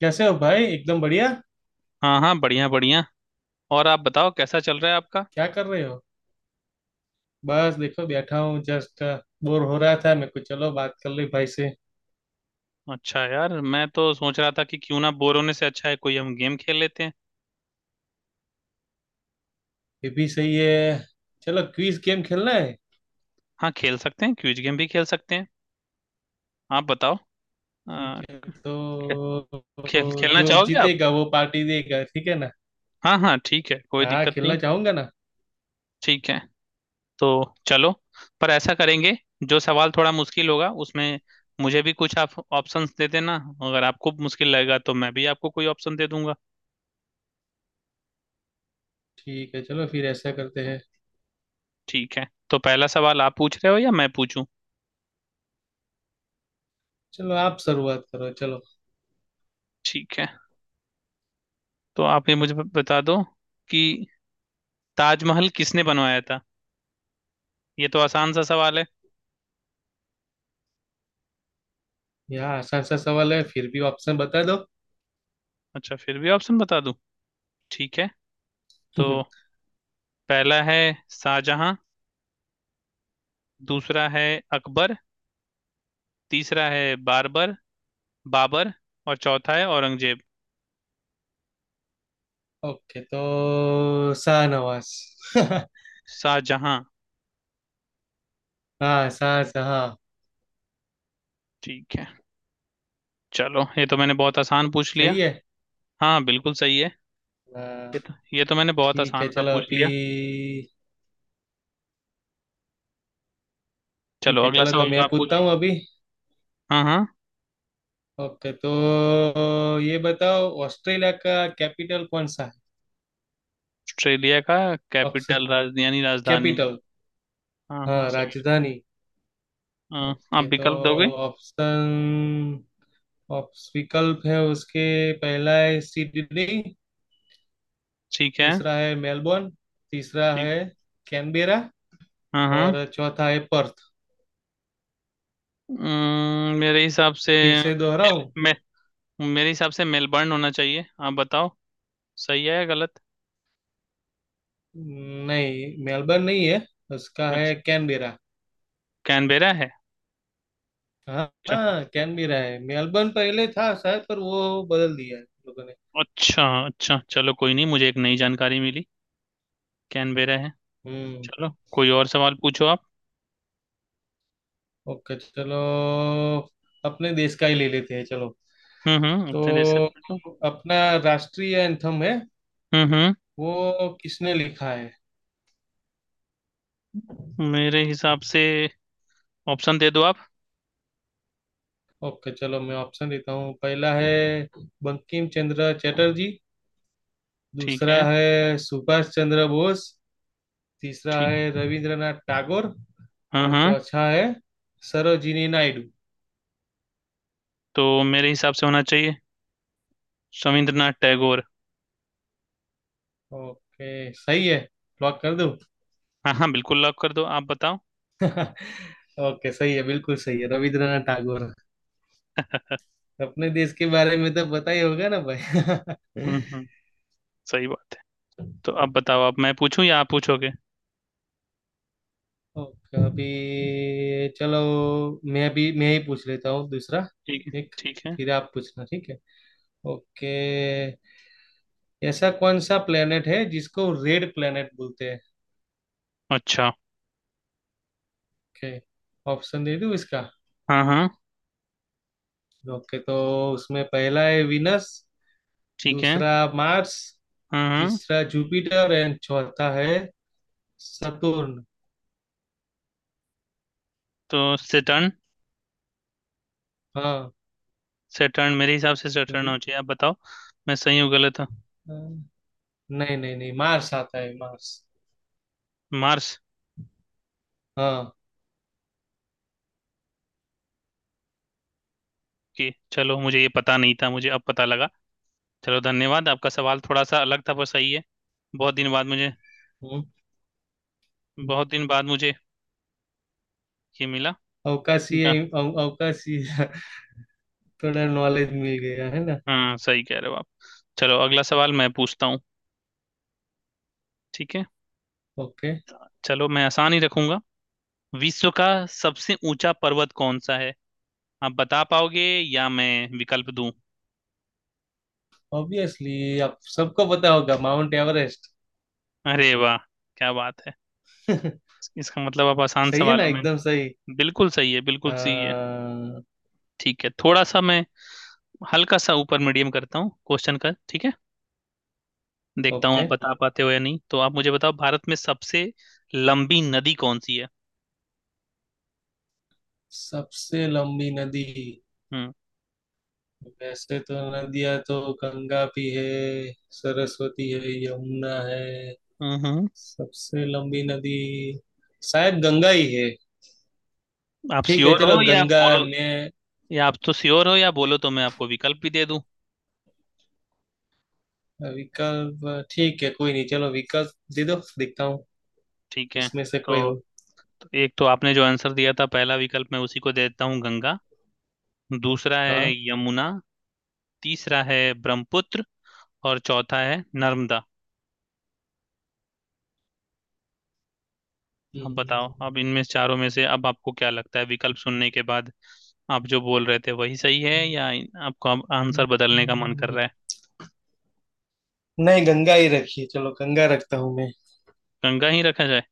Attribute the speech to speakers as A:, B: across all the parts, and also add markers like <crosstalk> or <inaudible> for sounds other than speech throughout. A: कैसे हो भाई? एकदम बढ़िया।
B: हाँ हाँ, बढ़िया बढ़िया। और आप बताओ कैसा चल रहा है आपका।
A: क्या कर रहे हो? बस देखो, बैठा हूँ जस्ट। बोर हो रहा था मेरे को, चलो बात कर ले भाई से।
B: अच्छा यार, मैं तो सोच रहा था कि क्यों ना, बोर होने से अच्छा है कोई हम गेम खेल लेते हैं।
A: ये भी सही है। चलो क्विज गेम खेलना है।
B: हाँ, खेल सकते हैं, क्विज गेम भी खेल सकते हैं। आप बताओ।
A: ठीक
B: आ,
A: है
B: खे, खेल
A: तो
B: खेलना
A: जो
B: चाहोगे आप?
A: जीतेगा वो पार्टी देगा, ठीक है ना।
B: हाँ हाँ ठीक है, कोई
A: हाँ,
B: दिक्कत नहीं।
A: खेलना चाहूंगा ना।
B: ठीक है, तो चलो। पर ऐसा करेंगे, जो सवाल थोड़ा मुश्किल होगा उसमें मुझे भी कुछ आप ऑप्शंस दे देना। अगर आपको मुश्किल लगेगा तो मैं भी आपको कोई ऑप्शन दे दूंगा।
A: ठीक है, चलो फिर ऐसा करते हैं।
B: ठीक है, तो पहला सवाल आप पूछ रहे हो या मैं पूछूं?
A: चलो आप शुरुआत करो, चलो।
B: ठीक है, तो आप ये मुझे बता दो कि ताजमहल किसने बनवाया था। ये तो आसान सा सवाल है।
A: यहाँ आसान सा सवाल है, फिर भी ऑप्शन बता दो।
B: अच्छा, फिर भी ऑप्शन बता दूं। ठीक है, तो
A: <laughs>
B: पहला है शाहजहां, दूसरा है अकबर, तीसरा है बारबर बाबर, और चौथा है औरंगजेब।
A: ओके, तो शाहनवाज। <laughs>
B: शाहजहां।
A: हाँ, शाह, हाँ।
B: ठीक है, चलो ये तो मैंने बहुत आसान पूछ लिया।
A: सही है।
B: हाँ बिल्कुल सही है।
A: हाँ,
B: ये तो मैंने बहुत
A: ठीक है
B: आसान सा
A: चलो
B: पूछ
A: अभी।
B: लिया।
A: ठीक
B: चलो
A: है,
B: अगला
A: चलो तो
B: सवाल
A: मैं
B: आप पूछ।
A: पूछता हूँ अभी।
B: हाँ हाँ।
A: ओके तो ये बताओ, ऑस्ट्रेलिया का कैपिटल कौन सा है?
B: ऑस्ट्रेलिया का
A: ऑप्शन?
B: कैपिटल, राजधानी राजधानी।
A: कैपिटल।
B: हाँ हाँ
A: हाँ,
B: समझ।
A: राजधानी।
B: हाँ,
A: ओके
B: आप
A: तो
B: विकल्प दोगे।
A: ऑप्शन, ऑप्स विकल्प है उसके। पहला है सिडनी।
B: ठीक है।
A: दूसरा है मेलबोर्न। तीसरा
B: ठीक।
A: है कैनबेरा।
B: हाँ हाँ।
A: और चौथा है पर्थ।
B: मेरे हिसाब से,
A: फिर से
B: मेल,
A: दोहराऊं?
B: मे, मेरे हिसाब से मेलबर्न होना चाहिए। आप बताओ सही है या गलत।
A: नहीं, मेलबर्न नहीं है। उसका है
B: अच्छा,
A: कैनबेरा।
B: कैनबेरा है।
A: हाँ
B: अच्छा
A: हाँ, कैन भी रहा है। मेलबर्न पहले था शायद, पर वो बदल दिया है लोगों ने।
B: अच्छा अच्छा चलो कोई नहीं, मुझे एक नई जानकारी मिली, कैनबेरा है।
A: हम्म।
B: चलो कोई और सवाल पूछो आप।
A: ओके चलो, अपने देश का ही ले लेते हैं, चलो।
B: हम्म, अपने देश से
A: तो
B: पूछो।
A: अपना राष्ट्रीय एंथम है,
B: हम्म।
A: वो किसने लिखा है?
B: मेरे हिसाब से, ऑप्शन दे दो आप।
A: ओके चलो, मैं ऑप्शन देता हूँ। पहला है बंकिम चंद्र चटर्जी।
B: ठीक
A: दूसरा
B: है।
A: है सुभाष चंद्र बोस। तीसरा
B: ठीक है।
A: है रविंद्रनाथ टैगोर।
B: हाँ
A: और
B: हाँ।
A: चौथा है सरोजिनी नायडू।
B: तो मेरे हिसाब से होना चाहिए रविंद्रनाथ टैगोर।
A: ओके, सही है। लॉक कर दूं?
B: हाँ हाँ बिल्कुल, लॉक कर दो, आप बताओ।
A: <laughs> ओके सही है, बिल्कुल सही है, रविंद्रनाथ टागोर। अपने देश के बारे में तो पता ही होगा ना भाई। <laughs>
B: हम्म, सही बात है। तो अब बताओ, आप मैं पूछूं या आप पूछोगे?
A: ओके अभी चलो, मैं ही पूछ लेता हूँ दूसरा।
B: ठीक है।
A: ठीक,
B: ठीक है।
A: फिर आप पूछना, ठीक है। ओके। ऐसा कौन सा प्लेनेट है जिसको रेड प्लेनेट बोलते हैं?
B: अच्छा।
A: ओके, ऑप्शन दे दूँ इसका?
B: हाँ हाँ
A: ओके तो उसमें पहला है विनस।
B: ठीक है।
A: दूसरा मार्स।
B: हाँ हाँ।
A: तीसरा जुपिटर, एंड चौथा है सतुर्न।
B: तो सेटर्न। सेटर्न, मेरे हिसाब से सेटर्न हो चाहिए। आप बताओ मैं सही हूँ गलत हूँ।
A: हाँ, नहीं, नहीं, नहीं, मार्स आता है, मार्स।
B: मार्स।
A: हाँ।
B: की चलो, मुझे ये पता नहीं था, मुझे अब पता लगा। चलो धन्यवाद, आपका सवाल थोड़ा सा अलग था पर सही है। बहुत दिन बाद मुझे
A: हम्म,
B: बहुत दिन बाद मुझे ये मिला। जा-
A: अवकाशीय अवकाशीय। <laughs> थोड़ा नॉलेज मिल गया है ना।
B: हाँ सही कह रहे हो आप। चलो अगला सवाल मैं पूछता हूँ। ठीक है,
A: ओके,
B: चलो मैं आसान ही रखूंगा। विश्व का सबसे ऊंचा पर्वत कौन सा है? आप बता पाओगे या मैं विकल्प दूं?
A: ऑब्वियसली आप सबको पता होगा, माउंट एवरेस्ट।
B: अरे वाह, क्या बात है!
A: <laughs>
B: इसका मतलब आप आसान
A: सही है ना,
B: सवालों में।
A: एकदम सही।
B: बिल्कुल सही है बिल्कुल सही है।
A: हाँ,
B: ठीक है, थोड़ा सा मैं हल्का सा ऊपर मीडियम करता हूँ क्वेश्चन का, ठीक है। देखता हूँ आप
A: ओके।
B: बता पाते हो या नहीं। तो आप मुझे बताओ, भारत में सबसे लंबी नदी कौन सी है?
A: सबसे लंबी नदी?
B: हम्म
A: वैसे तो नदियां तो, गंगा भी है, सरस्वती है, यमुना है।
B: हम्म।
A: सबसे लंबी नदी शायद गंगा ही है।
B: आप
A: ठीक है,
B: श्योर
A: चलो
B: हो या
A: गंगा।
B: बोलो,
A: मैं
B: या आप तो श्योर हो या बोलो तो मैं आपको विकल्प भी दे दूं।
A: विकल्प, ठीक है, कोई नहीं, चलो विकल्प दे दो, देखता हूँ
B: ठीक है।
A: उसमें से
B: तो
A: कोई हो।
B: एक तो आपने जो आंसर दिया था पहला विकल्प मैं उसी को दे देता हूँ, गंगा। दूसरा है
A: हाँ।
B: यमुना, तीसरा है ब्रह्मपुत्र, और चौथा है नर्मदा। अब बताओ,
A: हम्म,
B: अब इनमें से चारों में से अब आपको क्या लगता है, विकल्प सुनने के बाद आप जो बोल रहे थे वही सही है या आपको अब आंसर बदलने का मन कर रहा है?
A: नहीं, गंगा ही रखिए, चलो गंगा रखता हूँ मैं।
B: गंगा ही रखा जाए।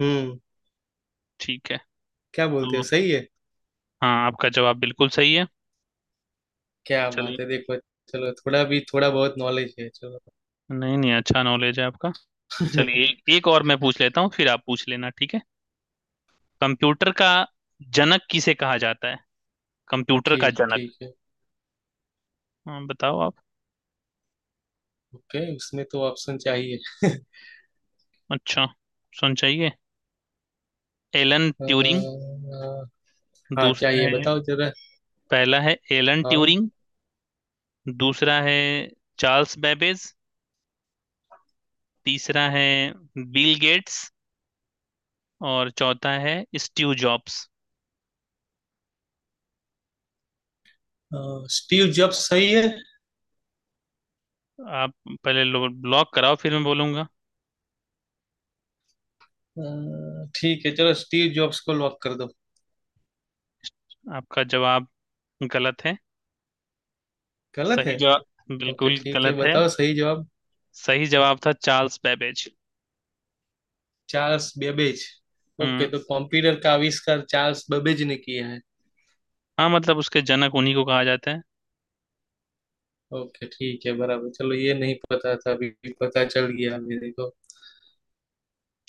A: हम्म।
B: ठीक है।
A: क्या
B: तो
A: बोलते हो, सही है?
B: हाँ, आपका जवाब बिल्कुल सही है।
A: क्या बात
B: चलो।
A: है, देखो। चलो, थोड़ा भी, थोड़ा बहुत नॉलेज है, चलो।
B: नहीं नहीं, अच्छा नॉलेज है आपका। चलिए एक,
A: <laughs>
B: एक और मैं पूछ लेता हूँ फिर आप पूछ लेना, ठीक है। कंप्यूटर का जनक किसे कहा जाता है? कंप्यूटर का
A: ठीक
B: जनक।
A: ठीक है
B: हाँ बताओ आप।
A: ओके, उसमें तो ऑप्शन चाहिए। <laughs>
B: अच्छा, सुन चाहिए। एलन
A: अ,
B: ट्यूरिंग।
A: अ, हाँ
B: दूसरा
A: चाहिए,
B: है,
A: बताओ जरा।
B: पहला है एलन
A: हाँ।
B: ट्यूरिंग, दूसरा है चार्ल्स बेबेज, तीसरा है बिल गेट्स, और चौथा है स्टीव जॉब्स।
A: अ, स्टीव जॉब्स सही है।
B: आप पहले लॉक कराओ फिर मैं बोलूंगा।
A: अ, ठीक है चलो, स्टीव जॉब्स को लॉक कर दो।
B: आपका जवाब गलत है।
A: गलत है?
B: सही जवाब,
A: ओके
B: बिल्कुल
A: ठीक है,
B: गलत है।
A: बताओ सही जवाब।
B: सही जवाब था Charles Babbage.
A: Charles Babbage. Okay,
B: हम्म।
A: तो कंप्यूटर का आविष्कार चार्ल्स बेबेज ने किया है।
B: हाँ मतलब उसके जनक उन्हीं को कहा जाता है।
A: ओके ठीक है, बराबर, चलो ये नहीं पता था अभी। पता चल गया मेरे को।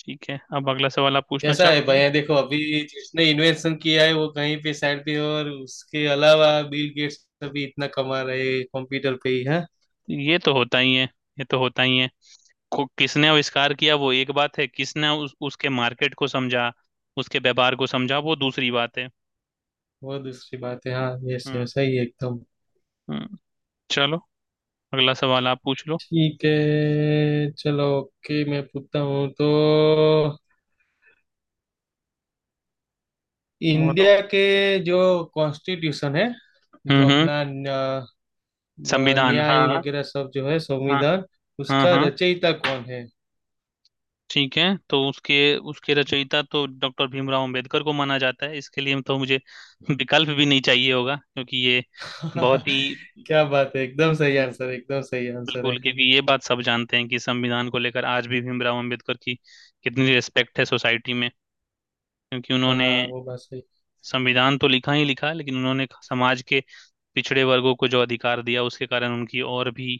B: ठीक है, अब अगला सवाल आप पूछना
A: कैसा है
B: चाहोगे।
A: भाई देखो, अभी जिसने इन्वेंशन किया है वो कहीं पे साइड पे, और उसके अलावा बिल गेट्स अभी इतना कमा रहे हैं, कंप्यूटर पे ही है।
B: ये तो होता ही है, ये तो होता ही है। किसने आविष्कार किया वो एक बात है, किसने उसके मार्केट को समझा, उसके व्यापार को समझा वो दूसरी बात है।
A: वो दूसरी बात है, हाँ, ये
B: हम्म।
A: सही सही है एकदम।
B: हम्म। चलो अगला सवाल आप पूछ लो।
A: ठीक है चलो, ओके मैं पूछता हूँ तो।
B: बोलो।
A: इंडिया के जो कॉन्स्टिट्यूशन है, जो
B: हम्म।
A: अपना
B: संविधान, हाँ
A: न्याय
B: हाँ।
A: वगैरह सब जो है,
B: हाँ
A: संविधान,
B: हाँ।
A: उसका
B: हाँ
A: रचयिता कौन है?
B: ठीक है। तो उसके उसके रचयिता तो डॉक्टर भीमराव अंबेडकर को माना जाता है, इसके लिए तो मुझे विकल्प भी नहीं चाहिए होगा क्योंकि ये बहुत
A: <laughs>
B: ही।
A: क्या बात है, एकदम सही आंसर, एकदम सही आंसर
B: बिल्कुल,
A: है।
B: क्योंकि ये बात सब जानते हैं कि संविधान को लेकर आज भी भीमराव अंबेडकर की कितनी रिस्पेक्ट है सोसाइटी में, क्योंकि उन्होंने
A: हाँ वो बात सही।
B: संविधान तो लिखा ही लिखा, लेकिन उन्होंने समाज के पिछड़े वर्गों को जो अधिकार दिया उसके कारण उनकी और भी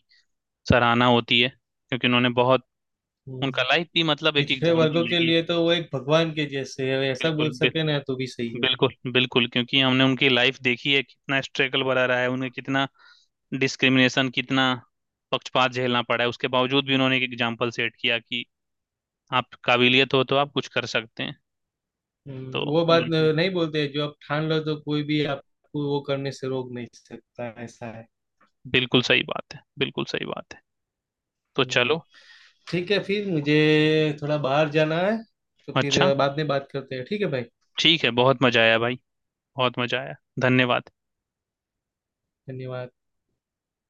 B: सराहना होती है। क्योंकि उन्होंने बहुत, उनका
A: हम्म।
B: लाइफ भी मतलब एक
A: पिछड़े वर्गों
B: एग्जाम्पल है
A: के
B: कि,
A: लिए तो वो एक भगवान के जैसे है, ऐसा
B: बिल्कुल
A: बोल
B: बि,
A: सके ना तो भी सही है।
B: बिल्कुल बिल्कुल, क्योंकि हमने उनकी लाइफ देखी है कितना स्ट्रगल भरा रहा है, उन्हें कितना डिस्क्रिमिनेशन, कितना पक्षपात झेलना पड़ा है। उसके बावजूद भी उन्होंने एक एग्जाम्पल सेट किया कि आप काबिलियत हो तो आप कुछ कर सकते हैं। तो
A: वो बात
B: बिल्कुल,
A: नहीं बोलते, जो आप ठान लो तो कोई भी आपको वो करने से रोक नहीं सकता, ऐसा है।
B: बिल्कुल सही बात है, बिल्कुल सही बात है। तो
A: हम्म।
B: चलो।
A: ठीक है, फिर मुझे थोड़ा बाहर जाना है, तो फिर
B: अच्छा,
A: बाद में बात करते हैं, ठीक है भाई।
B: ठीक है, बहुत मजा आया भाई, बहुत मजा आया, धन्यवाद।
A: धन्यवाद।